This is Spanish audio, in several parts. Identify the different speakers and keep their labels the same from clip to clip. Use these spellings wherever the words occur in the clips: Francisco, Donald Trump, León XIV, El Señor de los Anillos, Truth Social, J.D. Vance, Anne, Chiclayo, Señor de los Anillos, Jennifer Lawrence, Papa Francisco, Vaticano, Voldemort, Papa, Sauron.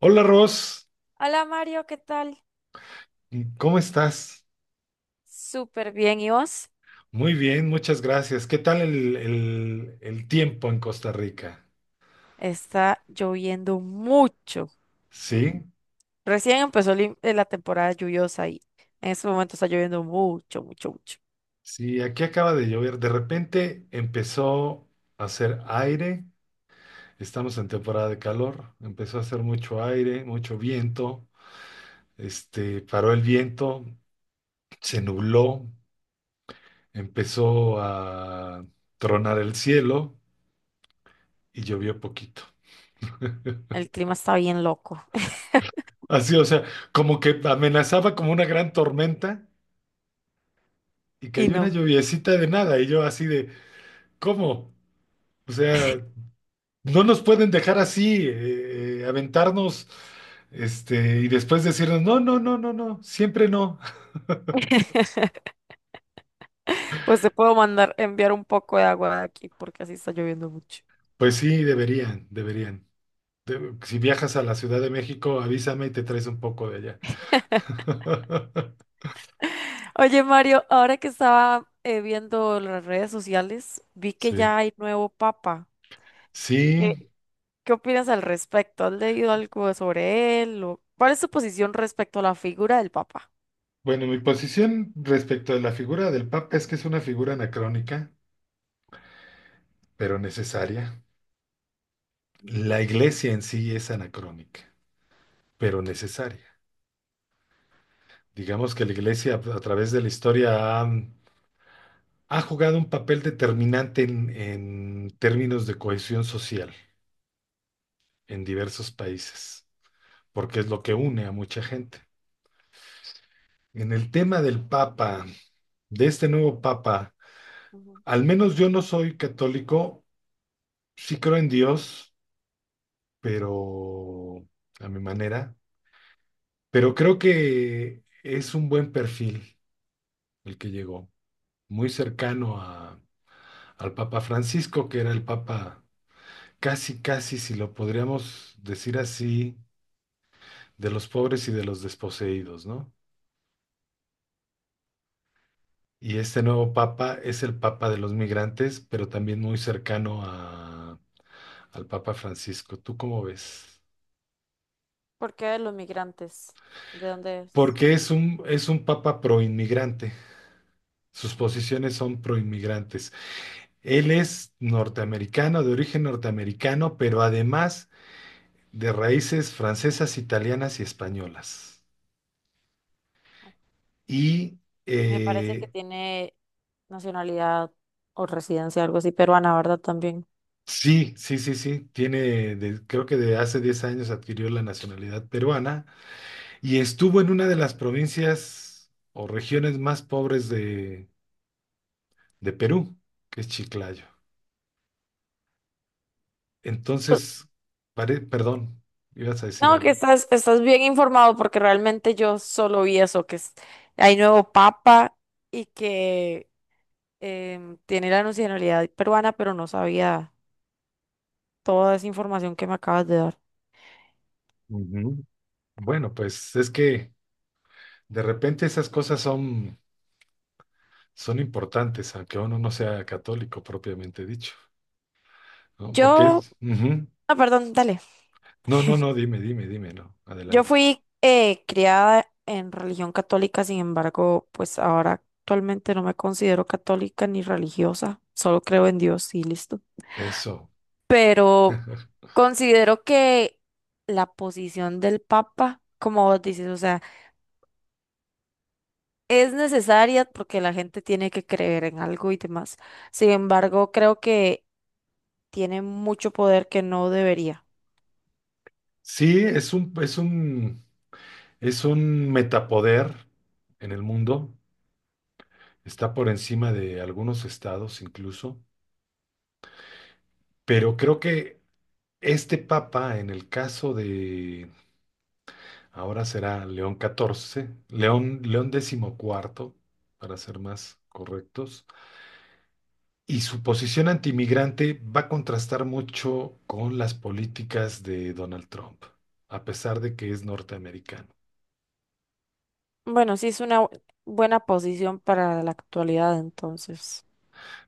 Speaker 1: Hola Ros,
Speaker 2: Hola Mario, ¿qué tal?
Speaker 1: ¿cómo estás?
Speaker 2: Súper bien, ¿y vos?
Speaker 1: Muy bien, muchas gracias. ¿Qué tal el tiempo en Costa Rica?
Speaker 2: Está lloviendo mucho.
Speaker 1: Sí,
Speaker 2: Recién empezó la temporada lluviosa y en este momento está lloviendo mucho, mucho, mucho.
Speaker 1: sí, aquí acaba de llover. De repente empezó a hacer aire. Estamos en temporada de calor. Empezó a hacer mucho aire, mucho viento. Paró el viento, se nubló, empezó a tronar el cielo y llovió poquito.
Speaker 2: El clima está bien loco.
Speaker 1: Así, o sea, como que amenazaba como una gran tormenta. Y
Speaker 2: Y
Speaker 1: cayó una
Speaker 2: no.
Speaker 1: lluviecita de nada, y yo así de, ¿cómo? O sea, no nos pueden dejar así, aventarnos, y después decirnos, no, no, no, no, no, siempre no.
Speaker 2: Pues te puedo enviar un poco de agua de aquí porque así está lloviendo mucho.
Speaker 1: Pues sí, deberían, deberían. Si viajas a la Ciudad de México, avísame y te traes un poco de allá.
Speaker 2: Oye Mario, ahora que estaba viendo las redes sociales, vi que
Speaker 1: Sí.
Speaker 2: ya hay nuevo papa.
Speaker 1: Sí,
Speaker 2: ¿Qué opinas al respecto? ¿Has leído algo sobre él? ¿Cuál es tu posición respecto a la figura del Papa?
Speaker 1: bueno, mi posición respecto de la figura del Papa es que es una figura anacrónica, pero necesaria. La iglesia en sí es anacrónica, pero necesaria. Digamos que la iglesia a través de la historia ha jugado un papel determinante en términos de cohesión social en diversos países, porque es lo que une a mucha gente. En el tema del Papa, de este nuevo Papa,
Speaker 2: Ujú.
Speaker 1: al menos yo no soy católico, sí creo en Dios, pero a mi manera, pero creo que es un buen perfil el que llegó, muy cercano al Papa Francisco, que era el Papa casi, casi, si lo podríamos decir así, de los pobres y de los desposeídos, ¿no? Y este nuevo papa es el papa de los migrantes, pero también muy cercano al papa Francisco. ¿Tú cómo ves?
Speaker 2: ¿Por qué de los migrantes? ¿De dónde es?
Speaker 1: Porque es un papa proinmigrante. Sus
Speaker 2: Ah,
Speaker 1: posiciones son proinmigrantes. Él es norteamericano, de origen norteamericano, pero además de raíces francesas, italianas y españolas. Y
Speaker 2: me parece que
Speaker 1: eh,
Speaker 2: tiene nacionalidad o residencia, algo así, peruana, ¿verdad? También.
Speaker 1: Sí, sí, sí, sí. Creo que de hace 10 años adquirió la nacionalidad peruana y estuvo en una de las provincias o regiones más pobres de Perú, que es Chiclayo. Entonces, perdón, ibas a decir
Speaker 2: No, que
Speaker 1: algo.
Speaker 2: estás bien informado porque realmente yo solo vi eso, hay nuevo papa y que tiene la nacionalidad peruana, pero no sabía toda esa información que me acabas de dar.
Speaker 1: Ujú. Bueno, pues es que de repente esas cosas son importantes, aunque uno no sea católico propiamente dicho, ¿no? Porque,
Speaker 2: Yo,
Speaker 1: ujú.
Speaker 2: perdón, dale.
Speaker 1: No, no, no, dime, dime, dime, no,
Speaker 2: Yo
Speaker 1: adelante.
Speaker 2: fui criada en religión católica, sin embargo, pues ahora actualmente no me considero católica ni religiosa, solo creo en Dios y listo.
Speaker 1: Eso.
Speaker 2: Pero considero que la posición del papa, como vos dices, o sea, es necesaria porque la gente tiene que creer en algo y demás. Sin embargo, creo que tiene mucho poder que no debería.
Speaker 1: Sí, es un metapoder en el mundo. Está por encima de algunos estados incluso. Pero creo que este papa, en el caso de, ahora será León XIV, para ser más correctos, y su posición antimigrante va a contrastar mucho con las políticas de Donald Trump, a pesar de que es norteamericano.
Speaker 2: Bueno, sí es una buena posición para la actualidad, entonces.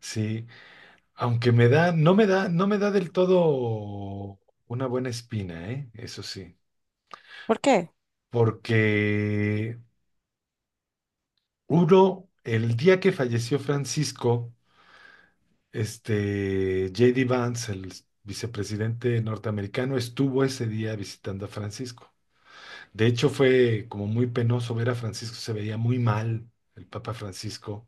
Speaker 1: Sí, aunque no me da del todo una buena espina, ¿eh? Eso sí.
Speaker 2: ¿Por qué?
Speaker 1: Porque uno, el día que falleció Francisco, J.D. Vance, el vicepresidente norteamericano, estuvo ese día visitando a Francisco. De hecho, fue como muy penoso ver a Francisco, se veía muy mal el Papa Francisco,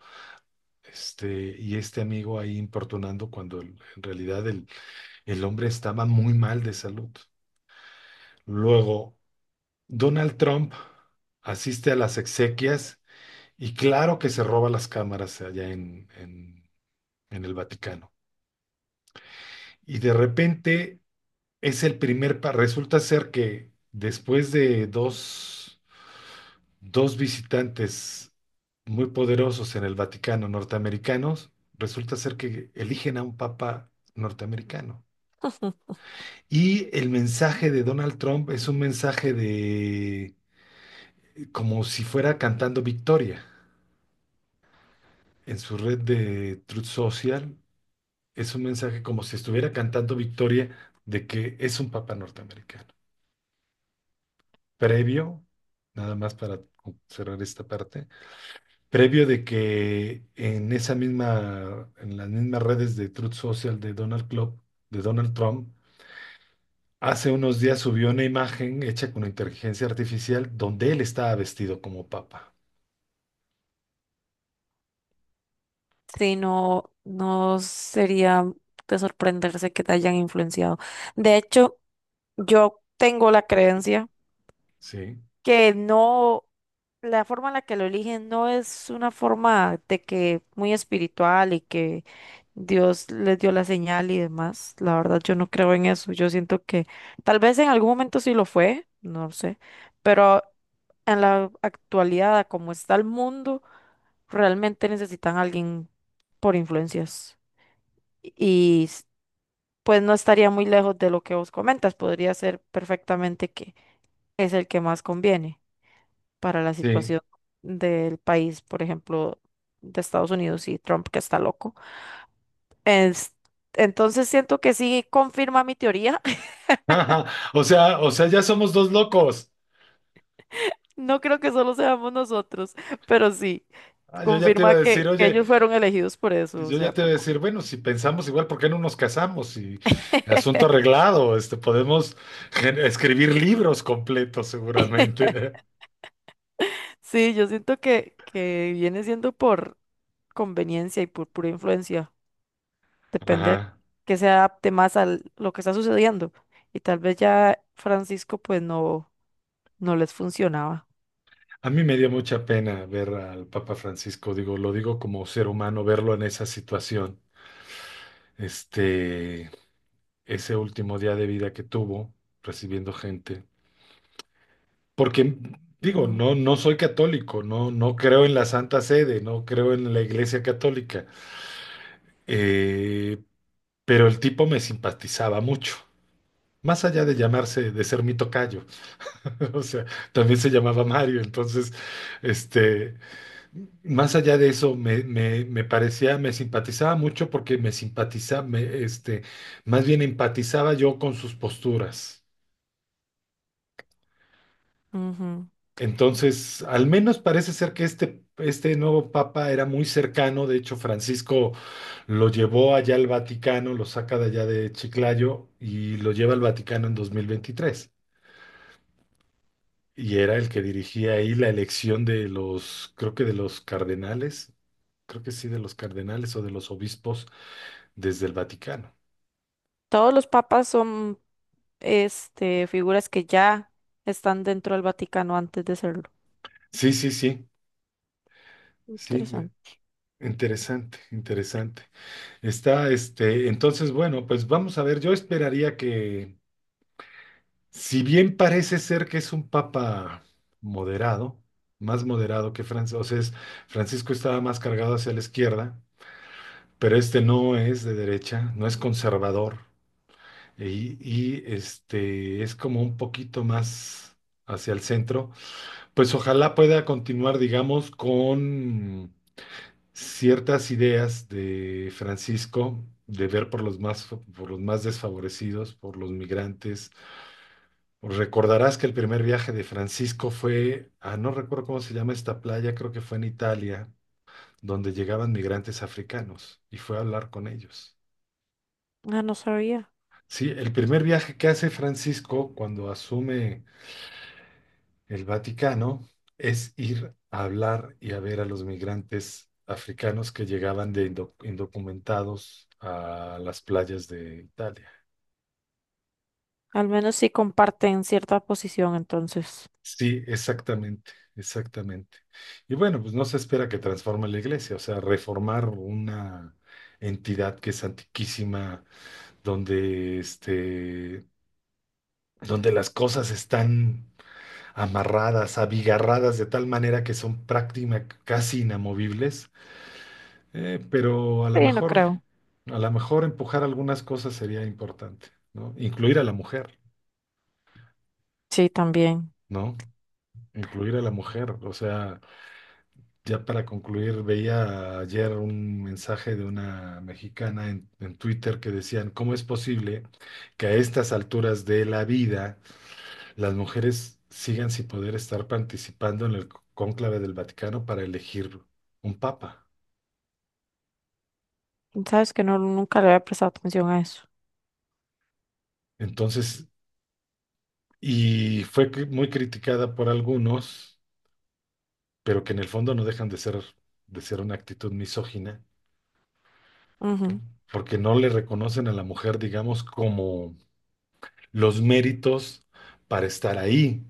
Speaker 1: y este amigo ahí importunando cuando en realidad el hombre estaba muy mal de salud. Luego, Donald Trump asiste a las exequias y claro que se roba las cámaras allá en el Vaticano. Y de repente es resulta ser que después de dos visitantes muy poderosos en el Vaticano norteamericanos, resulta ser que eligen a un papa norteamericano. Y el mensaje de Donald Trump es un mensaje de como si fuera cantando victoria. En su red de Truth Social, es un mensaje como si estuviera cantando victoria de que es un papa norteamericano. Previo, nada más para cerrar esta parte, previo de que en esa misma, en las mismas redes de Truth Social de Donald Trump, hace unos días subió una imagen hecha con inteligencia artificial donde él estaba vestido como papa.
Speaker 2: Sí, no sería de sorprenderse que te hayan influenciado. De hecho, yo tengo la creencia
Speaker 1: Sí,
Speaker 2: que no, la forma en la que lo eligen no es una forma de que muy espiritual y que Dios les dio la señal y demás. La verdad, yo no creo en eso. Yo siento que tal vez en algún momento sí lo fue, no sé, pero en la actualidad, a como está el mundo, realmente necesitan a alguien por influencias. Y s- pues no estaría muy lejos de lo que vos comentas. Podría ser perfectamente que es el que más conviene para la
Speaker 1: sí.
Speaker 2: situación del país, por ejemplo, de Estados Unidos y Trump, que está loco. Es- entonces siento que sí confirma mi teoría.
Speaker 1: O sea, ya somos dos locos.
Speaker 2: No creo que solo seamos nosotros, pero sí,
Speaker 1: Ah, yo ya te iba
Speaker 2: confirma
Speaker 1: a decir,
Speaker 2: que
Speaker 1: oye,
Speaker 2: ellos fueron elegidos por eso,
Speaker 1: pues,
Speaker 2: o
Speaker 1: yo
Speaker 2: sea,
Speaker 1: ya te voy
Speaker 2: por
Speaker 1: a decir,
Speaker 2: conveniencia.
Speaker 1: bueno, si pensamos igual, ¿por qué no nos casamos? Y asunto arreglado, este, podemos escribir libros completos seguramente.
Speaker 2: Sí, yo siento que viene siendo por conveniencia y por pura influencia. Depende a
Speaker 1: Ajá.
Speaker 2: que se adapte más a lo que está sucediendo. Y tal vez ya Francisco pues no les funcionaba.
Speaker 1: A mí me dio mucha pena ver al Papa Francisco, digo, lo digo como ser humano, verlo en esa situación. Este, Ese último día de vida que tuvo, recibiendo gente. Porque, digo,
Speaker 2: Ujú.
Speaker 1: no, no soy católico, no, no creo en la Santa Sede, no, creo en la Iglesia Católica. Eh, pero el tipo me simpatizaba mucho. Más allá de llamarse, de ser mi tocayo, o sea, también se llamaba Mario, entonces, este, más allá de eso, me parecía, me simpatizaba mucho porque me simpatizaba, más bien empatizaba yo con sus posturas.
Speaker 2: Ujú.
Speaker 1: Entonces, al menos parece ser que este nuevo papa era muy cercano, de hecho, Francisco lo llevó allá al Vaticano, lo saca de allá de Chiclayo y lo lleva al Vaticano en 2023. Y era el que dirigía ahí la elección de los, creo que de los cardenales, creo que sí, de los cardenales o de los obispos desde el Vaticano.
Speaker 2: Todos los papas son, este, figuras que ya están dentro del Vaticano antes de serlo.
Speaker 1: Sí, sí, sí, sí,
Speaker 2: Interesante.
Speaker 1: interesante, interesante. Entonces, bueno, pues vamos a ver, yo esperaría que, si bien parece ser que es un papa moderado, más moderado que Francisco, o sea, Francisco estaba más cargado hacia la izquierda, pero este no es de derecha, no es conservador. y, y este es como un poquito más hacia el centro, pues ojalá pueda continuar, digamos, con ciertas ideas de Francisco de ver por los más desfavorecidos, por los migrantes. Recordarás que el primer viaje de Francisco fue a, no recuerdo cómo se llama esta playa, creo que fue en Italia, donde llegaban migrantes africanos y fue a hablar con ellos.
Speaker 2: Ah, no sabía.
Speaker 1: Sí, el primer viaje que hace Francisco cuando asume el Vaticano es ir a hablar y a ver a los migrantes africanos que llegaban de indocumentados a las playas de Italia.
Speaker 2: Al menos sí comparten cierta posición, entonces.
Speaker 1: Sí, exactamente, exactamente. Y bueno, pues no se espera que transforme la iglesia, o sea, reformar una entidad que es antiquísima, donde donde las cosas están amarradas, abigarradas de tal manera que son prácticamente casi inamovibles. Pero
Speaker 2: Sí, no creo.
Speaker 1: a lo mejor empujar algunas cosas sería importante, ¿no? Incluir a la mujer,
Speaker 2: Sí, también.
Speaker 1: ¿no? Incluir a la mujer. O sea, ya para concluir, veía ayer un mensaje de una mexicana en Twitter que decían, ¿cómo es posible que a estas alturas de la vida las mujeres sigan sin poder estar participando en el cónclave del Vaticano para elegir un papa?
Speaker 2: Sabes que no, nunca le había prestado atención a eso.
Speaker 1: Entonces, y fue muy criticada por algunos pero que en el fondo no dejan de ser una actitud misógina,
Speaker 2: Ujú.
Speaker 1: porque no le reconocen a la mujer, digamos, como los méritos para estar ahí.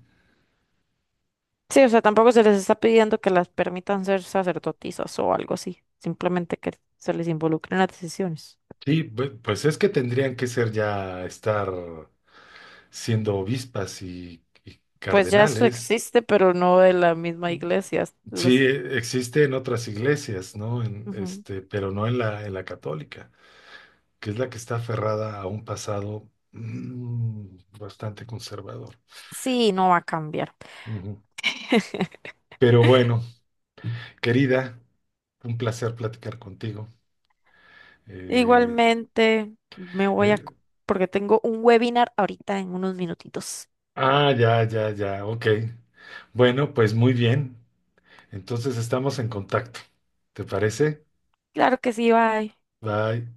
Speaker 2: Sí, o sea, tampoco se les está pidiendo que las permitan ser sacerdotisas o algo así. Simplemente que se les involucren en las decisiones.
Speaker 1: Sí, pues es que tendrían que ser ya estar siendo obispas y
Speaker 2: Pues ya eso
Speaker 1: cardenales.
Speaker 2: existe, pero no de la misma iglesia.
Speaker 1: Sí,
Speaker 2: Los...
Speaker 1: existe en otras iglesias, ¿no? Pero no en la católica, que es la que está aferrada a un pasado bastante conservador.
Speaker 2: Sí, no va a cambiar.
Speaker 1: Ujú. Pero bueno, querida. Un placer platicar contigo. Eh,
Speaker 2: Igualmente, me voy a...
Speaker 1: eh,
Speaker 2: porque tengo un webinar ahorita en unos minutitos.
Speaker 1: ah, ya, ya, ya, ok. Bueno, pues muy bien. Entonces estamos en contacto. ¿Te parece?
Speaker 2: Claro que sí, bye.
Speaker 1: Bye.